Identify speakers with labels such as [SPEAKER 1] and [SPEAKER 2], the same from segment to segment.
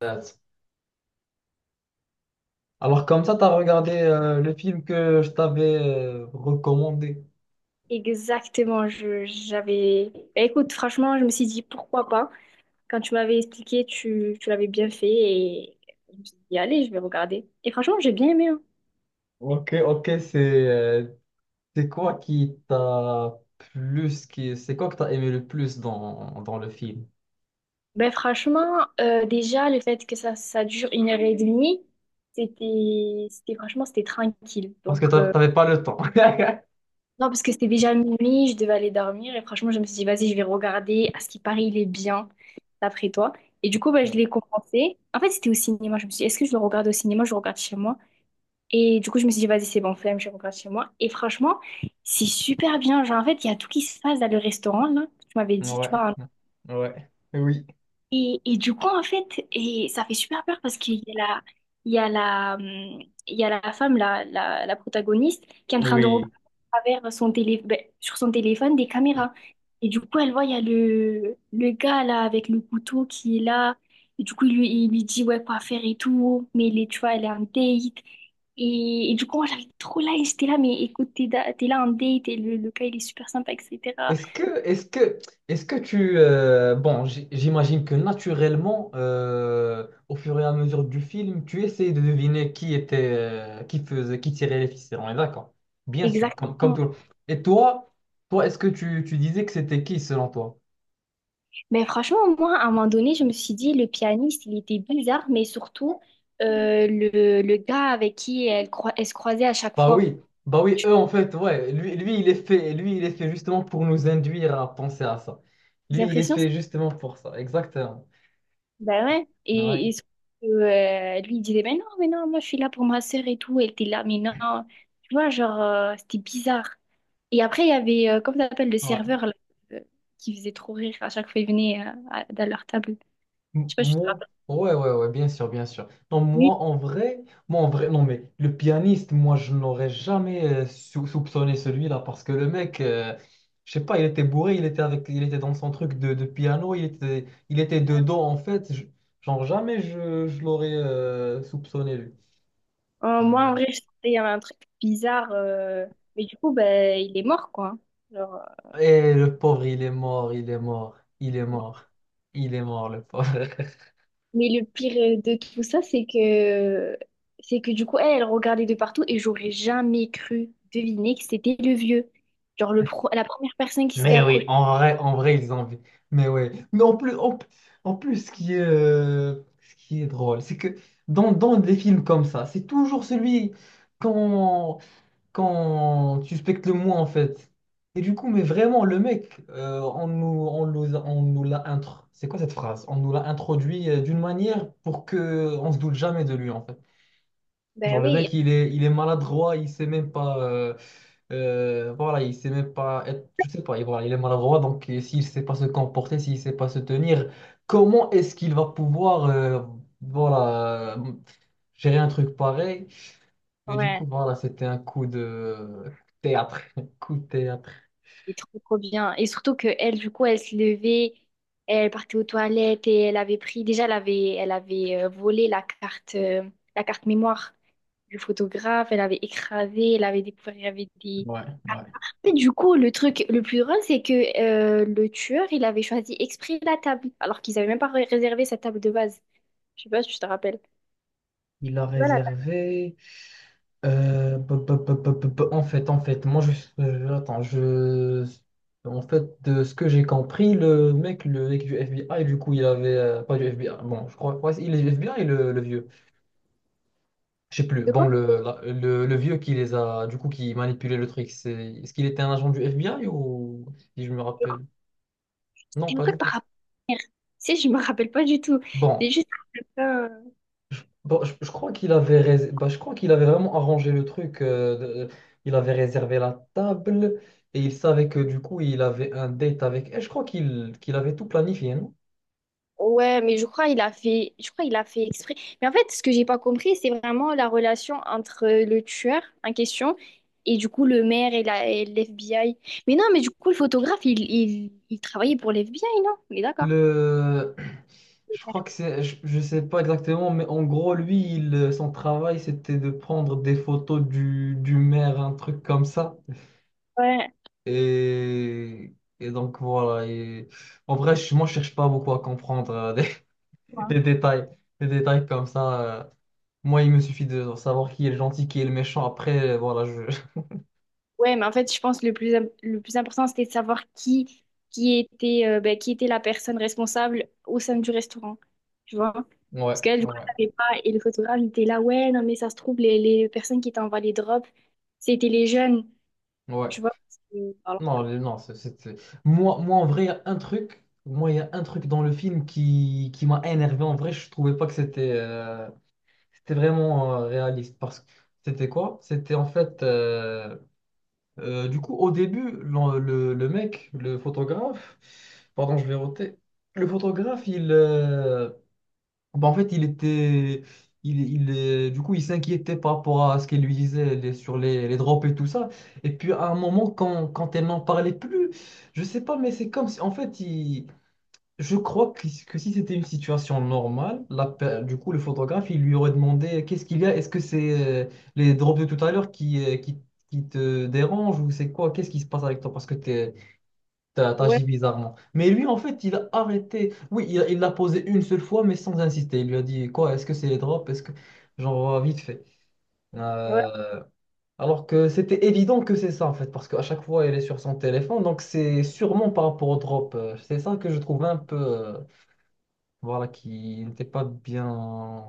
[SPEAKER 1] Alors comme ça, t'as regardé le film que je t'avais recommandé.
[SPEAKER 2] Exactement, je j'avais. Bah, écoute, franchement, je me suis dit pourquoi pas. Quand tu m'avais expliqué, tu l'avais bien fait et je me suis dit, allez, je vais regarder. Et franchement, j'ai bien aimé, hein.
[SPEAKER 1] Ok, ok, c'est quoi qui t'a plus, qui, c'est quoi que t'as aimé le plus dans le film?
[SPEAKER 2] Ben franchement, déjà, le fait que ça dure 1 h 30, c'était franchement, c'était tranquille.
[SPEAKER 1] Parce que t'avais pas le temps.
[SPEAKER 2] Non, parce que c'était déjà minuit, je devais aller dormir et franchement, je me suis dit, vas-y, je vais regarder. À ce qui paraît, il est bien, d'après toi. Et du coup, ben, je
[SPEAKER 1] Oui.
[SPEAKER 2] l'ai commencé. En fait, c'était au cinéma. Je me suis dit, est-ce que je le regarde au cinéma, je le regarde chez moi? Et du coup, je me suis dit, vas-y, c'est bon, flemme, je rentre chez moi. Et franchement, c'est super bien. Genre, en fait, il y a tout qui se passe dans le restaurant, là. Tu m'avais dit, tu
[SPEAKER 1] Ouais,
[SPEAKER 2] vois,
[SPEAKER 1] ouais, oui,
[SPEAKER 2] et du coup, en fait, et ça fait super peur parce qu'il y a la, il y a la, il y a la femme, la protagoniste, qui est en train de regarder
[SPEAKER 1] oui.
[SPEAKER 2] à travers son télé, ben, sur son téléphone des caméras. Et du coup, elle voit, il y a le gars là avec le couteau qui est là. Et du coup, il lui dit, ouais, quoi faire et tout. Mais il est, tu vois, elle est en date. Et du coup, moi, j'avais trop là et j'étais là, mais écoute, t'es là en date et le gars, il est super sympa, etc.
[SPEAKER 1] Est-ce que, est-ce que, Est-ce que tu... bon, j'imagine que naturellement, au fur et à mesure du film, tu essayes de deviner qui était, qui faisait, qui tirait les ficelles. On est d'accord. Bien sûr,
[SPEAKER 2] Exactement.
[SPEAKER 1] comme tout le monde. Et toi, toi, est-ce que tu disais que c'était qui selon toi?
[SPEAKER 2] Mais franchement, moi, à un moment donné, je me suis dit, le pianiste, il était bizarre, mais surtout, le gars avec qui elle se croisait à chaque
[SPEAKER 1] Bah
[SPEAKER 2] fois.
[SPEAKER 1] oui, bah oui, eux en fait, ouais. Lui, il est fait, lui, il est fait justement pour nous induire à penser à ça.
[SPEAKER 2] J'ai
[SPEAKER 1] Lui, il est
[SPEAKER 2] l'impression, c'est-
[SPEAKER 1] fait justement pour ça. Exactement.
[SPEAKER 2] ben ouais. Et,
[SPEAKER 1] Ouais,
[SPEAKER 2] et surtout, lui, il disait, mais non, moi, je suis là pour ma sœur et tout. Elle était là, mais non. Tu vois, genre, c'était bizarre. Et après, il y avait, comment ça s'appelle, le
[SPEAKER 1] ouais.
[SPEAKER 2] serveur, là, euh, qui faisait trop rire à chaque fois il venait dans leur table. Je sais pas, je te
[SPEAKER 1] Moi,
[SPEAKER 2] rappelle.
[SPEAKER 1] ouais, ouais, ouais, bien sûr, bien sûr. Non, moi, en vrai, non, mais le pianiste, moi, je n'aurais jamais soupçonné celui-là parce que le mec, je sais pas, il était bourré, il était avec, il était dans son truc de piano, il était dedans, en fait. Genre, jamais je l'aurais soupçonné, lui.
[SPEAKER 2] Moi, en
[SPEAKER 1] Ouais.
[SPEAKER 2] vrai, je sentais qu'il y avait un truc bizarre. Mais du coup, ben, il est mort, quoi. Genre, euh,
[SPEAKER 1] Et le pauvre, il est mort, il est mort, il est mort, il est mort, le pauvre.
[SPEAKER 2] Mais le pire de tout ça, c'est que du coup, elle regardait de partout et j'aurais jamais cru deviner que c'était le vieux. Genre, la première personne qui s'était
[SPEAKER 1] Mais oui,
[SPEAKER 2] approchée.
[SPEAKER 1] en vrai, ils ont... Mais ouais. Mais en plus, ce qui est drôle, c'est que dans des films comme ça, c'est toujours celui quand quand tu suspectes le moins, en fait. Et du coup, mais vraiment, le mec, on nous l'a intro... C'est quoi cette phrase? On nous l'a introduit d'une manière pour que on se doute jamais de lui, en fait. Genre
[SPEAKER 2] Ben
[SPEAKER 1] le
[SPEAKER 2] oui,
[SPEAKER 1] mec, il est maladroit, il sait même pas. Voilà, il sait même pas être. Je sais pas, il, voilà, il est maladroit, donc et s'il sait pas se comporter, s'il sait pas se tenir, comment est-ce qu'il va pouvoir voilà, gérer un truc pareil? Mais du coup,
[SPEAKER 2] ouais,
[SPEAKER 1] voilà, c'était un coup de théâtre. Coup de théâtre.
[SPEAKER 2] c'est trop, trop bien. Et surtout que elle, du coup, elle se levait, elle partait aux toilettes et elle avait pris. Déjà, elle avait volé la carte mémoire. Le photographe, elle avait écrasé, elle avait découvert, il y avait des.
[SPEAKER 1] Ouais, ouais.
[SPEAKER 2] Mais du coup, le truc le plus drôle, c'est que le tueur, il avait choisi exprès la table, alors qu'ils n'avaient même pas réservé sa table de base. Je sais pas si tu te rappelles.
[SPEAKER 1] Il a
[SPEAKER 2] Tu vois la table
[SPEAKER 1] réservé. En fait, attends, je, en fait, de ce que j'ai compris, le mec du FBI, du coup, il avait, pas du FBI, bon, je crois, ouais, il est du FBI, le vieux, je sais plus,
[SPEAKER 2] de quoi?
[SPEAKER 1] bon, le vieux qui les a, du coup, qui manipulait le truc, c'est, est-ce qu'il était un agent du FBI ou, si je me
[SPEAKER 2] De quoi?
[SPEAKER 1] rappelle? Non,
[SPEAKER 2] C'était un
[SPEAKER 1] pas du
[SPEAKER 2] truc par
[SPEAKER 1] tout.
[SPEAKER 2] rapport à la mer. Tu sais, je me rappelle pas du tout.
[SPEAKER 1] Bon,
[SPEAKER 2] C'est juste
[SPEAKER 1] bon, je crois qu'il avait, bah, je crois qu'il avait vraiment arrangé le truc, il avait réservé la table et il savait que du coup, il avait un date avec. Et je crois qu'il avait tout planifié, non?
[SPEAKER 2] ouais, mais je crois il a fait, je crois il a fait exprès. Mais en fait, ce que j'ai pas compris, c'est vraiment la relation entre le tueur en question et du coup le maire et l'FBI. Mais non, mais du coup le photographe, il travaillait pour l'FBI, non? On est d'accord.
[SPEAKER 1] Le... Je crois que c'est. Je sais pas exactement, mais en gros, lui, il, son travail, c'était de prendre des photos du maire, un truc comme ça.
[SPEAKER 2] Ouais.
[SPEAKER 1] Et, et donc, voilà. Et, en vrai, je, moi, je cherche pas beaucoup à comprendre des, des détails, des détails comme ça. Moi, il me suffit de savoir qui est le gentil, qui est le méchant. Après, voilà, je.
[SPEAKER 2] Ouais, mais en fait, je pense que le plus important, c'était de savoir qui était ben, qui était la personne responsable au sein du restaurant. Tu vois?
[SPEAKER 1] Ouais,
[SPEAKER 2] Parce qu'elle, du coup,
[SPEAKER 1] ouais,
[SPEAKER 2] elle savait pas. Et le photographe, il était là, ouais, non, mais ça se trouve, les personnes qui étaient en les drops, c'était les jeunes.
[SPEAKER 1] ouais.
[SPEAKER 2] Tu vois, alors
[SPEAKER 1] Non,
[SPEAKER 2] que.
[SPEAKER 1] non, moi, moi, en vrai, il y a un truc. Moi, il y a un truc dans le film qui m'a énervé. En vrai, je trouvais pas que c'était vraiment réaliste. Parce que c'était quoi? C'était en fait. Du coup, au début, le mec, le photographe. Pardon, je vais roter. Le photographe, il. Bah, en fait, il était. Il, il, Du coup, il s'inquiétait par rapport à ce qu'elle lui disait sur les drops et tout ça. Et puis, à un moment, quand elle n'en parlait plus, je sais pas, mais c'est comme si. En fait, il, je crois que si c'était une situation normale, du coup, le photographe, il lui aurait demandé qu'est-ce qu'il y a? Est-ce que c'est les drops de tout à l'heure qui te dérangent ou c'est quoi? Qu'est-ce qui se passe avec toi? Parce que
[SPEAKER 2] Ouais,
[SPEAKER 1] t'agis bizarrement. Mais lui, en fait, il a arrêté. Oui, il l'a posé une seule fois, mais sans insister. Il lui a dit, quoi, est-ce que c'est les drops? Est-ce que... Genre, vite fait.
[SPEAKER 2] ouais,
[SPEAKER 1] Euh, Alors que c'était évident que c'est ça, en fait, parce qu'à chaque fois, elle est sur son téléphone. Donc, c'est sûrement par rapport aux drops. C'est ça que je trouve un peu... Voilà, qui n'était pas bien...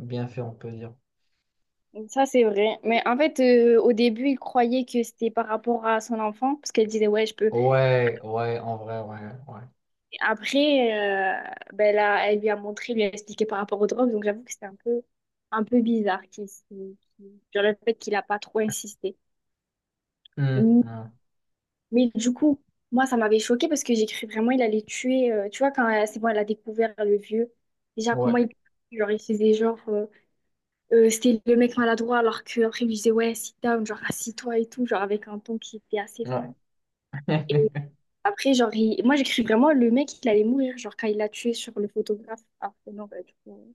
[SPEAKER 1] bien fait, on peut dire.
[SPEAKER 2] ça c'est vrai. Mais en fait, au début, il croyait que c'était par rapport à son enfant, parce qu'elle disait, ouais, je peux.
[SPEAKER 1] Ouais, ouais, en vrai, ouais, ouais.
[SPEAKER 2] Et après, ben là, elle lui a montré, lui a expliqué par rapport aux drogues, donc j'avoue que c'était un peu bizarre genre le fait qu'il a pas trop insisté.
[SPEAKER 1] Hum,
[SPEAKER 2] Mais,
[SPEAKER 1] hum,
[SPEAKER 2] mais du coup, moi, ça m'avait choqué parce que j'ai cru vraiment il allait tuer. Tu vois, c'est bon, elle a découvert le vieux, déjà,
[SPEAKER 1] ouais,
[SPEAKER 2] comment il. Genre, il faisait genre. C'était le mec maladroit, alors qu'après, il lui disait, ouais, sit down, genre, assis-toi et tout, genre, avec un ton qui était assez ferme.
[SPEAKER 1] ouais.
[SPEAKER 2] Et après, genre, moi, j'ai cru vraiment, le mec, il allait mourir, genre, quand il l'a tué sur le photographe. Ah, mais non, bah, du coup,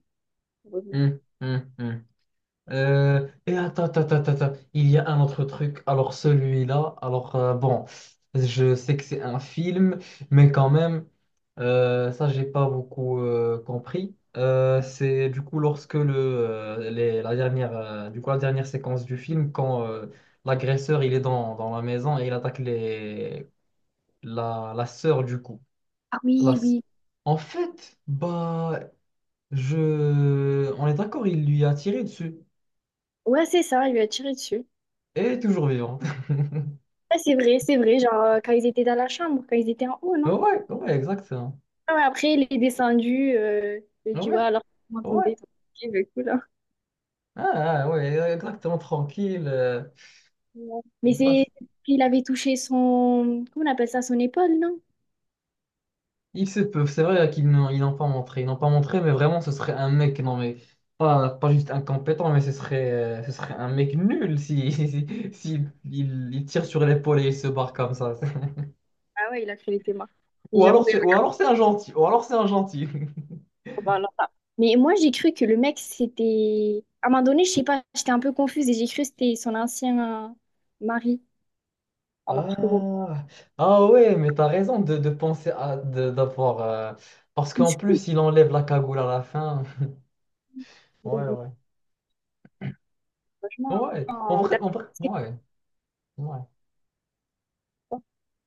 [SPEAKER 2] heureusement.
[SPEAKER 1] Hum. Et attends, attends, attends, attends, il y a un autre truc. Alors celui-là, bon, je sais que c'est un film, mais quand même, ça j'ai pas beaucoup compris. C'est du coup lorsque la dernière, du coup la dernière séquence du film, quand l'agresseur il est dans la maison et il attaque la sœur du coup.
[SPEAKER 2] Ah
[SPEAKER 1] La
[SPEAKER 2] oui,
[SPEAKER 1] s-
[SPEAKER 2] oui.
[SPEAKER 1] En fait, bah je, on est d'accord, il lui a tiré dessus.
[SPEAKER 2] Ouais, c'est ça, il lui a tiré dessus.
[SPEAKER 1] Et elle est toujours vivante.
[SPEAKER 2] Ouais, c'est vrai, genre, quand ils étaient dans la chambre, quand ils étaient en haut, non?
[SPEAKER 1] Ouais, ouais, exactement.
[SPEAKER 2] Ah ouais, après, il est descendu, il dit, ouais,
[SPEAKER 1] Ouais,
[SPEAKER 2] alors, vous
[SPEAKER 1] ouais.
[SPEAKER 2] m'entendez? Ok, bah, cool, hein.
[SPEAKER 1] Ah, ah, ouais, exactement, tranquille.
[SPEAKER 2] Ouais. Mais
[SPEAKER 1] Comme ça.
[SPEAKER 2] c'est, il avait touché son, comment on appelle ça, son épaule, non?
[SPEAKER 1] Ils se peuvent, c'est vrai qu'ils n'ont ils n'ont pas montré. Ils n'ont pas montré, mais vraiment, ce serait un mec, non, mais pas, pas juste incompétent, mais ce serait un mec nul si, si, si il tire sur l'épaule et il se barre comme ça.
[SPEAKER 2] Ah ouais, il a créé les thémas. Et j'avoue,
[SPEAKER 1] Ou alors c'est un gentil. Ou alors c'est un gentil.
[SPEAKER 2] bah, alors là. Mais moi, j'ai cru que le mec, c'était. À un moment donné, je sais pas, j'étais un peu confuse et j'ai cru que c'était son ancien mari. Alors que bon,
[SPEAKER 1] Ah, ah ouais, mais t'as raison de penser à d'avoir. Parce
[SPEAKER 2] je
[SPEAKER 1] qu'en
[SPEAKER 2] suis
[SPEAKER 1] plus, il enlève la cagoule à la fin. Ouais, ouais.
[SPEAKER 2] franchement.
[SPEAKER 1] Ouais, en
[SPEAKER 2] D'accord.
[SPEAKER 1] vrai, ouais, ouais.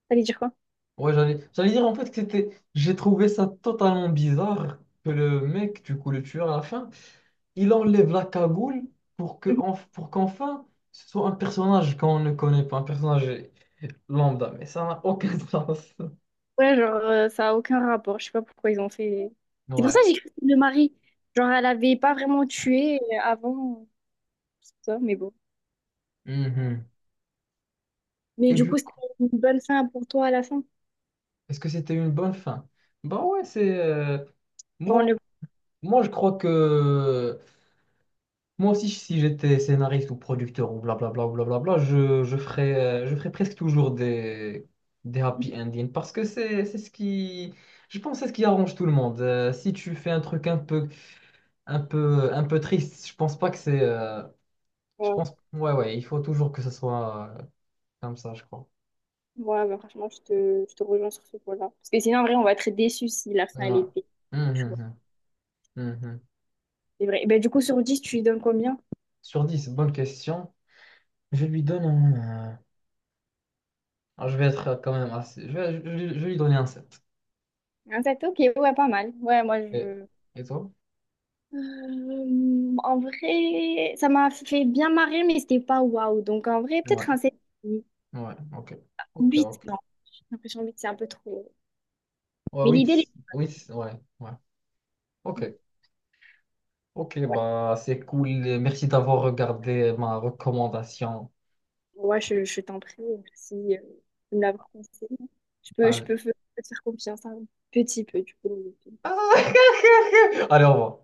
[SPEAKER 2] T'allais dire quoi?
[SPEAKER 1] Ouais, j'allais, j'allais dire en fait que c'était, j'ai trouvé ça totalement bizarre que le mec, du coup, le tueur à la fin, il enlève la cagoule pour que,
[SPEAKER 2] Mhm.
[SPEAKER 1] en pour qu'enfin, ce soit un personnage qu'on ne connaît pas, un personnage lambda, mais ça n'a aucun sens.
[SPEAKER 2] Ouais, genre, ça a aucun rapport. Je sais pas pourquoi ils ont fait. C'est pour ça
[SPEAKER 1] Ouais.
[SPEAKER 2] que j'ai cru que c'était le mari. Genre, elle avait pas vraiment tué avant, tout ça, mais bon.
[SPEAKER 1] Mhm.
[SPEAKER 2] Mais
[SPEAKER 1] Et
[SPEAKER 2] du
[SPEAKER 1] du
[SPEAKER 2] coup, c'était
[SPEAKER 1] coup,
[SPEAKER 2] une bonne fin pour toi à la fin.
[SPEAKER 1] est-ce que c'était une bonne fin? Bah ouais, moi,
[SPEAKER 2] Genre,
[SPEAKER 1] moi, je crois que moi aussi, si j'étais scénariste ou producteur ou blablabla, je ferais presque toujours des happy endings parce que c'est ce qui, je pense, que c'est ce qui arrange tout le monde. Si tu fais un truc un peu triste, je pense pas que je
[SPEAKER 2] on le.
[SPEAKER 1] pense, ouais, ouais, il faut toujours que ce soit comme ça, je crois.
[SPEAKER 2] Ouais, bah, franchement, je te rejoins sur ce point-là. Parce que sinon, en vrai, on va être déçus si la fin, elle est
[SPEAKER 1] Ouais.
[SPEAKER 2] pire. Tu vois.
[SPEAKER 1] Mhm, mhm, mhm.
[SPEAKER 2] C'est vrai. Ben, du coup, sur 10 tu lui donnes combien?
[SPEAKER 1] Sur 10 bonne question. Je lui donne je vais être quand même assez, je vais lui donner un 7.
[SPEAKER 2] Un 7 ok, ouais, pas mal. Ouais, moi,
[SPEAKER 1] Et,
[SPEAKER 2] je.
[SPEAKER 1] et toi?
[SPEAKER 2] En vrai, ça m'a fait bien marrer, mais c'était pas waouh. Donc, en vrai, peut-être
[SPEAKER 1] Ouais.
[SPEAKER 2] un 7
[SPEAKER 1] Ouais, ok. Ok,
[SPEAKER 2] 8
[SPEAKER 1] ok.
[SPEAKER 2] Non, j'ai l'impression 8 c'est un peu trop.
[SPEAKER 1] Ouais,
[SPEAKER 2] Mais
[SPEAKER 1] oui,
[SPEAKER 2] l'idée, elle est-
[SPEAKER 1] oui, ouais, ouais. Ok. Ok,
[SPEAKER 2] ouais,
[SPEAKER 1] bah c'est cool. Merci d'avoir regardé ma recommandation.
[SPEAKER 2] ouais, je t'en prie, merci de me l'avoir conseillé. Je peux, je
[SPEAKER 1] Allez.
[SPEAKER 2] peux, f- te faire confiance un petit peu, du coup.
[SPEAKER 1] Allez, au revoir.